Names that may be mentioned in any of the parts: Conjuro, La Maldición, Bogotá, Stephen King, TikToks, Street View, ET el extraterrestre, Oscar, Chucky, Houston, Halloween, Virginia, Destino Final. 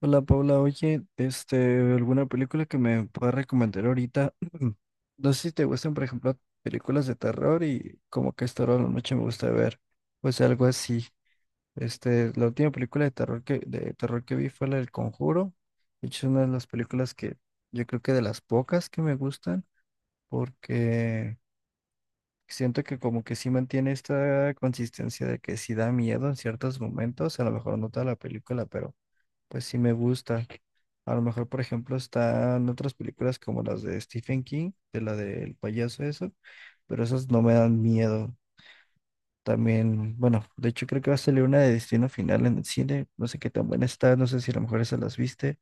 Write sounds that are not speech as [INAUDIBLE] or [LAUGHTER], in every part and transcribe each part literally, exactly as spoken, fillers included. Hola Paula, oye, este, ¿alguna película que me pueda recomendar ahorita? [CLEARS THROAT] No sé si te gustan, por ejemplo, películas de terror y como que esta hora de la noche me gusta ver, pues algo así. Este, la última película de terror que, de terror que vi fue la del Conjuro. De hecho, es una de las películas que yo creo que de las pocas que me gustan, porque siento que como que sí mantiene esta consistencia de que sí da miedo en ciertos momentos, a lo mejor no toda la película, pero pues sí me gusta. A lo mejor, por ejemplo, están otras películas como las de Stephen King, de la del payaso, eso, pero esas no me dan miedo. También, bueno, de hecho creo que va a salir una de Destino Final en el cine, no sé qué tan buena está, no sé si a lo mejor esas las viste,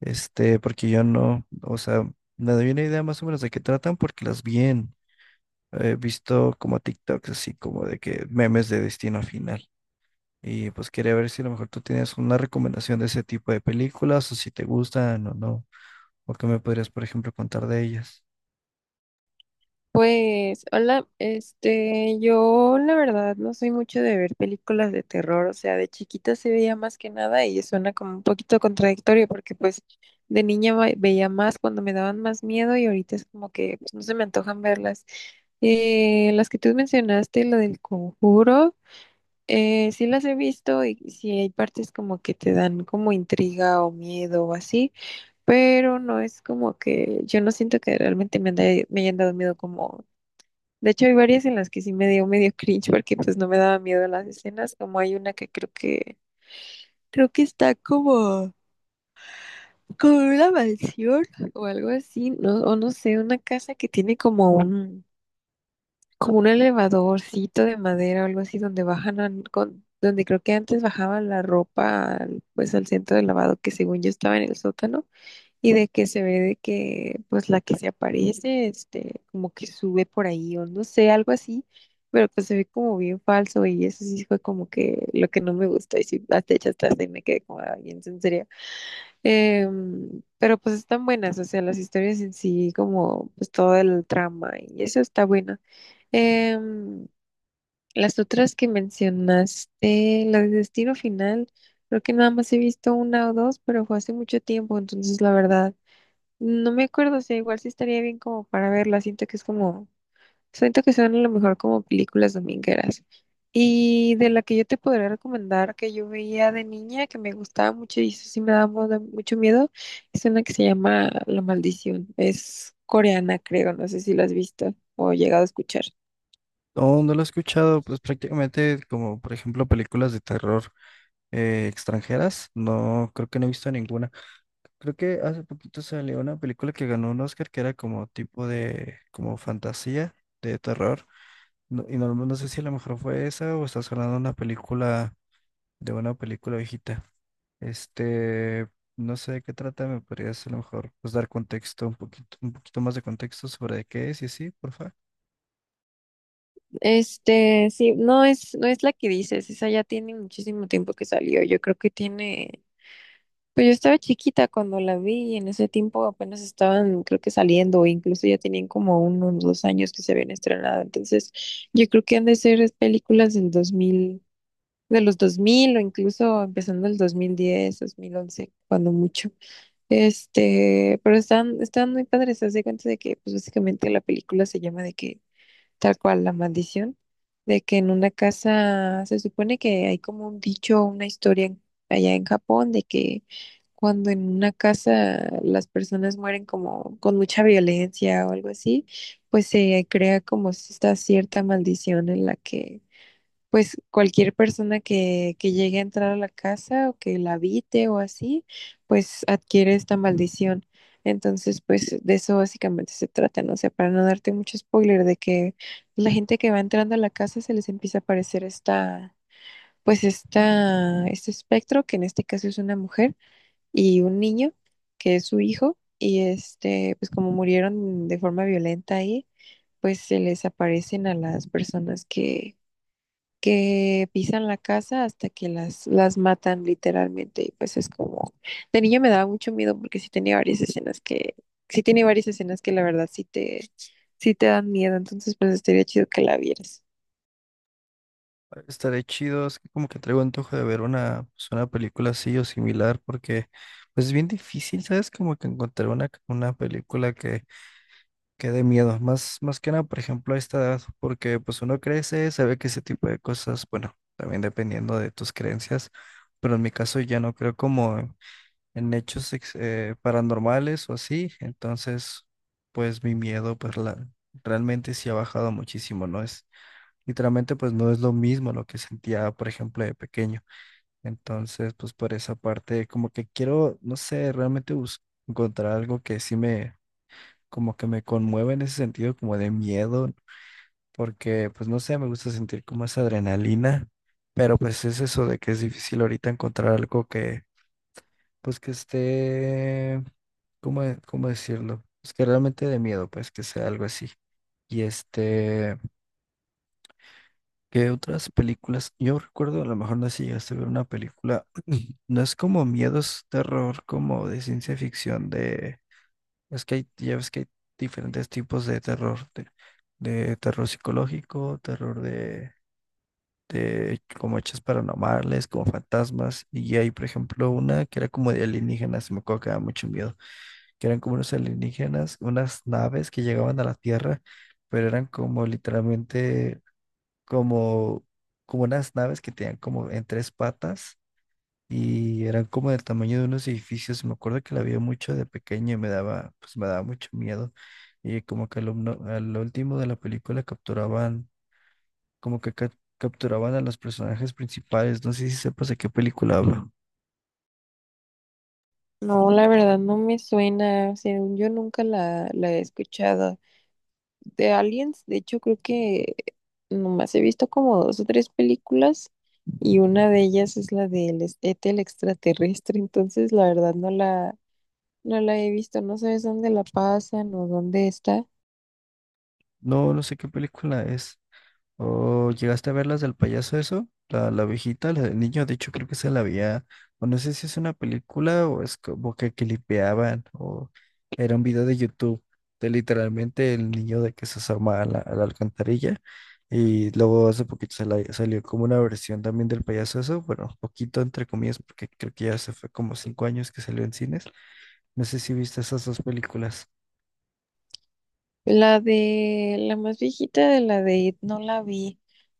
este, porque yo no, o sea, me doy una idea más o menos de qué tratan porque las vi en, he visto como TikToks así como de que memes de Destino Final. Y pues quería ver si a lo mejor tú tienes una recomendación de ese tipo de películas o si te gustan o no, o qué me podrías, por ejemplo, contar de ellas. Pues, hola, este, yo la verdad no soy mucho de ver películas de terror, o sea, de chiquita se veía más que nada y suena como un poquito contradictorio porque pues de niña va- veía más cuando me daban más miedo y ahorita es como que pues, no se me antojan verlas. Eh, las que tú mencionaste, la del Conjuro, eh, sí las he visto y sí hay partes como que te dan como intriga o miedo o así, pero no es como que yo no siento que realmente me, han da- me hayan dado miedo. Como de hecho, hay varias en las que sí me dio medio cringe porque pues no me daba miedo las escenas, como hay una que creo que creo que está como como en una mansión o algo así, no o no sé, una casa que tiene como un como un elevadorcito de madera o algo así donde bajan an- con donde creo que antes bajaban la ropa al- pues al centro de lavado que según yo estaba en el sótano y de que se ve de que pues la que se aparece, este, como que sube por ahí o no sé, algo así, pero pues se ve como bien falso y eso sí fue como que lo que no me gustó y sí, hasta hecha hasta ahí me quedé como, ay, en serio. Em, pero pues están buenas, o sea, las historias en sí, como pues todo el trama y eso está bueno. Em, las otras que mencionaste, la de Destino Final, creo que nada más he visto una o dos, pero fue hace mucho tiempo, entonces la verdad. No me acuerdo, o sea, igual sí estaría bien como para verla. Siento que es como, siento que son a lo mejor como películas domingueras. Y de la que yo te podría recomendar que yo veía de niña, que me gustaba mucho y eso sí me daba mu- mucho miedo, es una que se llama La Maldición. Es coreana, creo, no sé si la has visto o llegado a escuchar. No, no lo he escuchado, pues prácticamente como, por ejemplo, películas de terror eh, extranjeras, no, creo que no he visto ninguna. Creo que hace poquito salió una película que ganó un Oscar que era como tipo de, como fantasía, de terror. No- y no, no sé si a lo mejor fue esa o estás hablando de una película de una película viejita. Este, no sé de qué trata, me podrías a lo mejor pues, dar contexto, un poquito, un poquito más de contexto sobre de qué es y así, porfa. Este, sí, no es, no es la que dices, esa ya tiene muchísimo tiempo que salió. Yo creo que tiene. Pues yo estaba chiquita cuando la vi y en ese tiempo apenas estaban, creo que saliendo, o incluso ya tenían como unos dos años que se habían estrenado. Entonces, yo creo que han de ser es películas del dos mil, de los dos mil o incluso empezando el dos mil diez, dos mil once, cuando mucho. Este, pero están, están muy padres. Se de cuenta de que, pues básicamente la película se llama de que tal cual la maldición, de que en una casa se supone que hay como un dicho, una historia en- allá en Japón de que cuando en una casa las personas mueren como con mucha violencia o algo así, pues se crea como esta cierta maldición en la que pues cualquier persona que, que llegue a entrar a la casa o que la habite o así, pues adquiere esta maldición. Entonces, pues de eso básicamente se trata, ¿no? O sea, para no darte mucho spoiler de que la gente que va entrando a la casa se les empieza a aparecer esta, pues esta, este espectro, que en este caso es una mujer y un niño, que es su hijo, y este, pues como murieron de forma violenta ahí, pues se les aparecen a las personas que que pisan la casa hasta que las, las matan literalmente. Y pues es como, de niño me daba mucho miedo porque sí tenía varias escenas que, sí tiene varias escenas que la verdad sí te, sí te dan miedo. Entonces pues estaría chido que la vieras. Estaré chido, es que como que traigo antojo de ver una, pues, una película así o similar, porque pues es bien difícil, ¿sabes? Como que encontrar una, una película que, que dé miedo, más, más que nada, por ejemplo, a esta edad, porque pues uno crece, sabe que ese tipo de cosas, bueno, también dependiendo de tus creencias, pero en mi caso ya no creo como en hechos ex- eh, paranormales o así, entonces pues mi miedo pues la, realmente sí ha bajado muchísimo, ¿no? Es literalmente pues no es lo mismo lo que sentía, por ejemplo, de pequeño. Entonces pues por esa parte como que quiero, no sé, realmente bus- encontrar algo que sí me, como que me conmueve en ese sentido como de miedo, porque pues no sé, me gusta sentir como esa adrenalina. Pero pues es eso de que es difícil ahorita encontrar algo que, pues que esté, ¿cómo, de- cómo decirlo? Es que realmente de miedo, pues que sea algo así. Y este, ¿qué otras películas? Yo recuerdo, a lo mejor no sé si llegaste a ver una película, [CLEARS THROAT] no es como miedos, terror, como de ciencia ficción, de, es que hay, ya ves que hay diferentes tipos de terror, de, de terror psicológico, terror de, de como hechos paranormales, como fantasmas, y hay, por ejemplo, una que era como de alienígenas, me acuerdo que daba mucho miedo, que eran como unos alienígenas, unas naves que llegaban a la Tierra, pero eran como literalmente como, como unas naves que tenían como en tres patas y eran como del tamaño de unos edificios. Me acuerdo que la vi mucho de pequeño y me daba, pues me daba mucho miedo. Y como que al, omno- al último de la película capturaban, como que ca- capturaban a los personajes principales. No sé si sepas de qué película hablo. No, la verdad no me suena, según yo nunca la, la he escuchado. De Aliens, de hecho creo que nomás he visto como dos o tres películas y una de ellas es la del es- E T el extraterrestre, [LAUGHS] entonces la verdad no la, no la he visto, no sabes dónde la pasan o dónde está. No, no sé qué película es. ¿O llegaste a ver las del payaso eso? La, la viejita, la del niño, de hecho creo que se la había, o no sé si es una película o es como que clipeaban, o era un video de YouTube de literalmente el niño de que se asoma a la, a la alcantarilla y luego hace poquito se la- salió como una versión también del payaso eso, bueno, poquito entre comillas porque creo que ya se fue como cinco años que salió en cines, no sé si viste esas dos películas. La de la más viejita de la de It no la vi.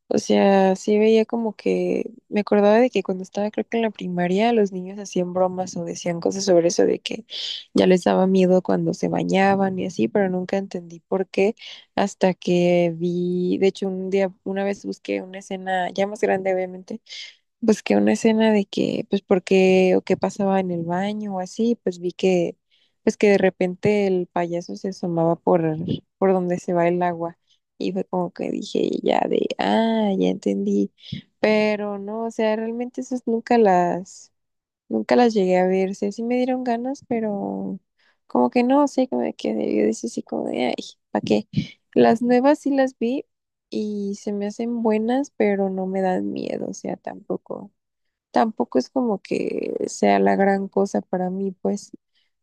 O sea, sí veía como que me acordaba de que cuando estaba creo que en la primaria los niños hacían bromas o decían cosas sobre eso de que ya les daba miedo cuando se bañaban y así, pero nunca entendí por qué hasta que vi, de hecho un día una vez busqué una escena ya más grande obviamente. Pues que una escena de que, pues porque, o qué pasaba en el baño o así, pues vi que, pues que de repente el payaso se asomaba por, por donde se va el agua. Y fue como que dije ya de, ah, ya entendí. Pero no, o sea, realmente esas nunca las, nunca las llegué a ver. O sea, sí me dieron ganas, pero como que no, sé, como que me quedé, yo decía así como de, ay, ¿para qué? Las nuevas sí las vi y se me hacen buenas, pero no me dan miedo, o sea, tampoco. Tampoco es como que sea la gran cosa para mí, pues,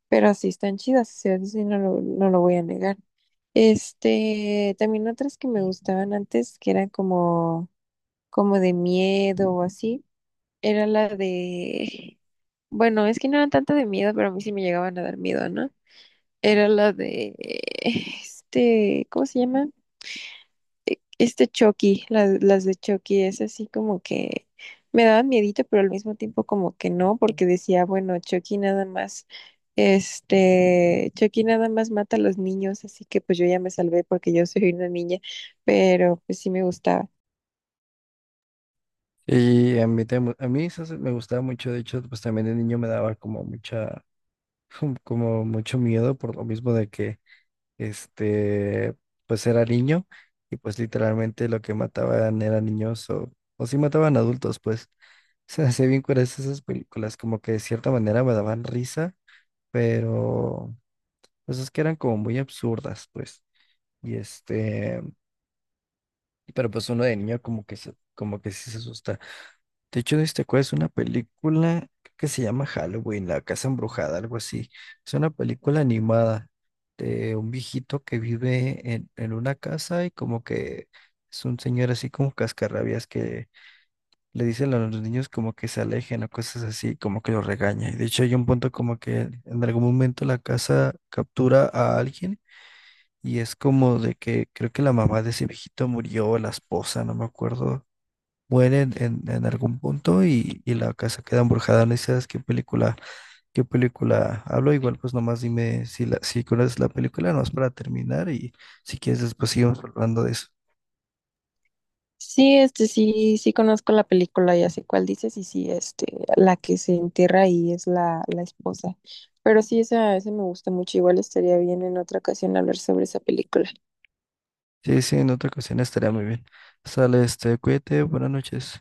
pero sí están chidas, o sea, eso sí no lo, no lo voy a negar. Este, también otras que me gustaban antes, que eran como, como de miedo o así, era la de, bueno, es que no eran tanto de miedo, pero a mí sí me llegaban a dar miedo, ¿no? Era la de, este, ¿cómo se llama? Este Chucky, las, las de Chucky, es así como que me daba miedito, pero al mismo tiempo como que no, porque decía, bueno, Chucky nada más, este, Chucky nada más mata a los niños, así que pues yo ya me salvé porque yo soy una niña, pero pues sí me gustaba. Y a mí, te- a mí esas me gustaba mucho, de hecho, pues también de niño me daba como mucha [LAUGHS] como mucho miedo por lo mismo de que este pues era niño y pues literalmente lo que mataban eran niños o, o sí mataban adultos pues [LAUGHS] se hacía bien curiosas esas películas como que de cierta manera me daban risa pero pues es que eran como muy absurdas pues y este pero pues uno de niño como que se, como que sí se asusta. De hecho, este te acuerdas, una película que se llama Halloween, La Casa Embrujada, algo así. Es una película animada de un viejito que vive en, en una casa y como que es un señor así como cascarrabias que le dice a los niños como que se alejen o cosas así, como que los regaña. Y de hecho, hay un punto como que en algún momento la casa captura a alguien y es como de que creo que la mamá de ese viejito murió, la esposa, no me acuerdo muere en, en- en algún punto y, y la casa queda embrujada. No sé si qué película, qué película hablo. Igual pues nomás dime si la, si conoces la película, nomás para terminar y si quieres después seguimos hablando de eso. Sí, este, sí, sí conozco la película, ya sé cuál dices, y sí, este, la que se entierra ahí es la, la esposa. Pero sí, esa, esa me gusta mucho, igual estaría bien en otra ocasión hablar sobre esa película. Sí, sí, en otra ocasión estaría muy bien. Sale, este, cuídate, buenas noches.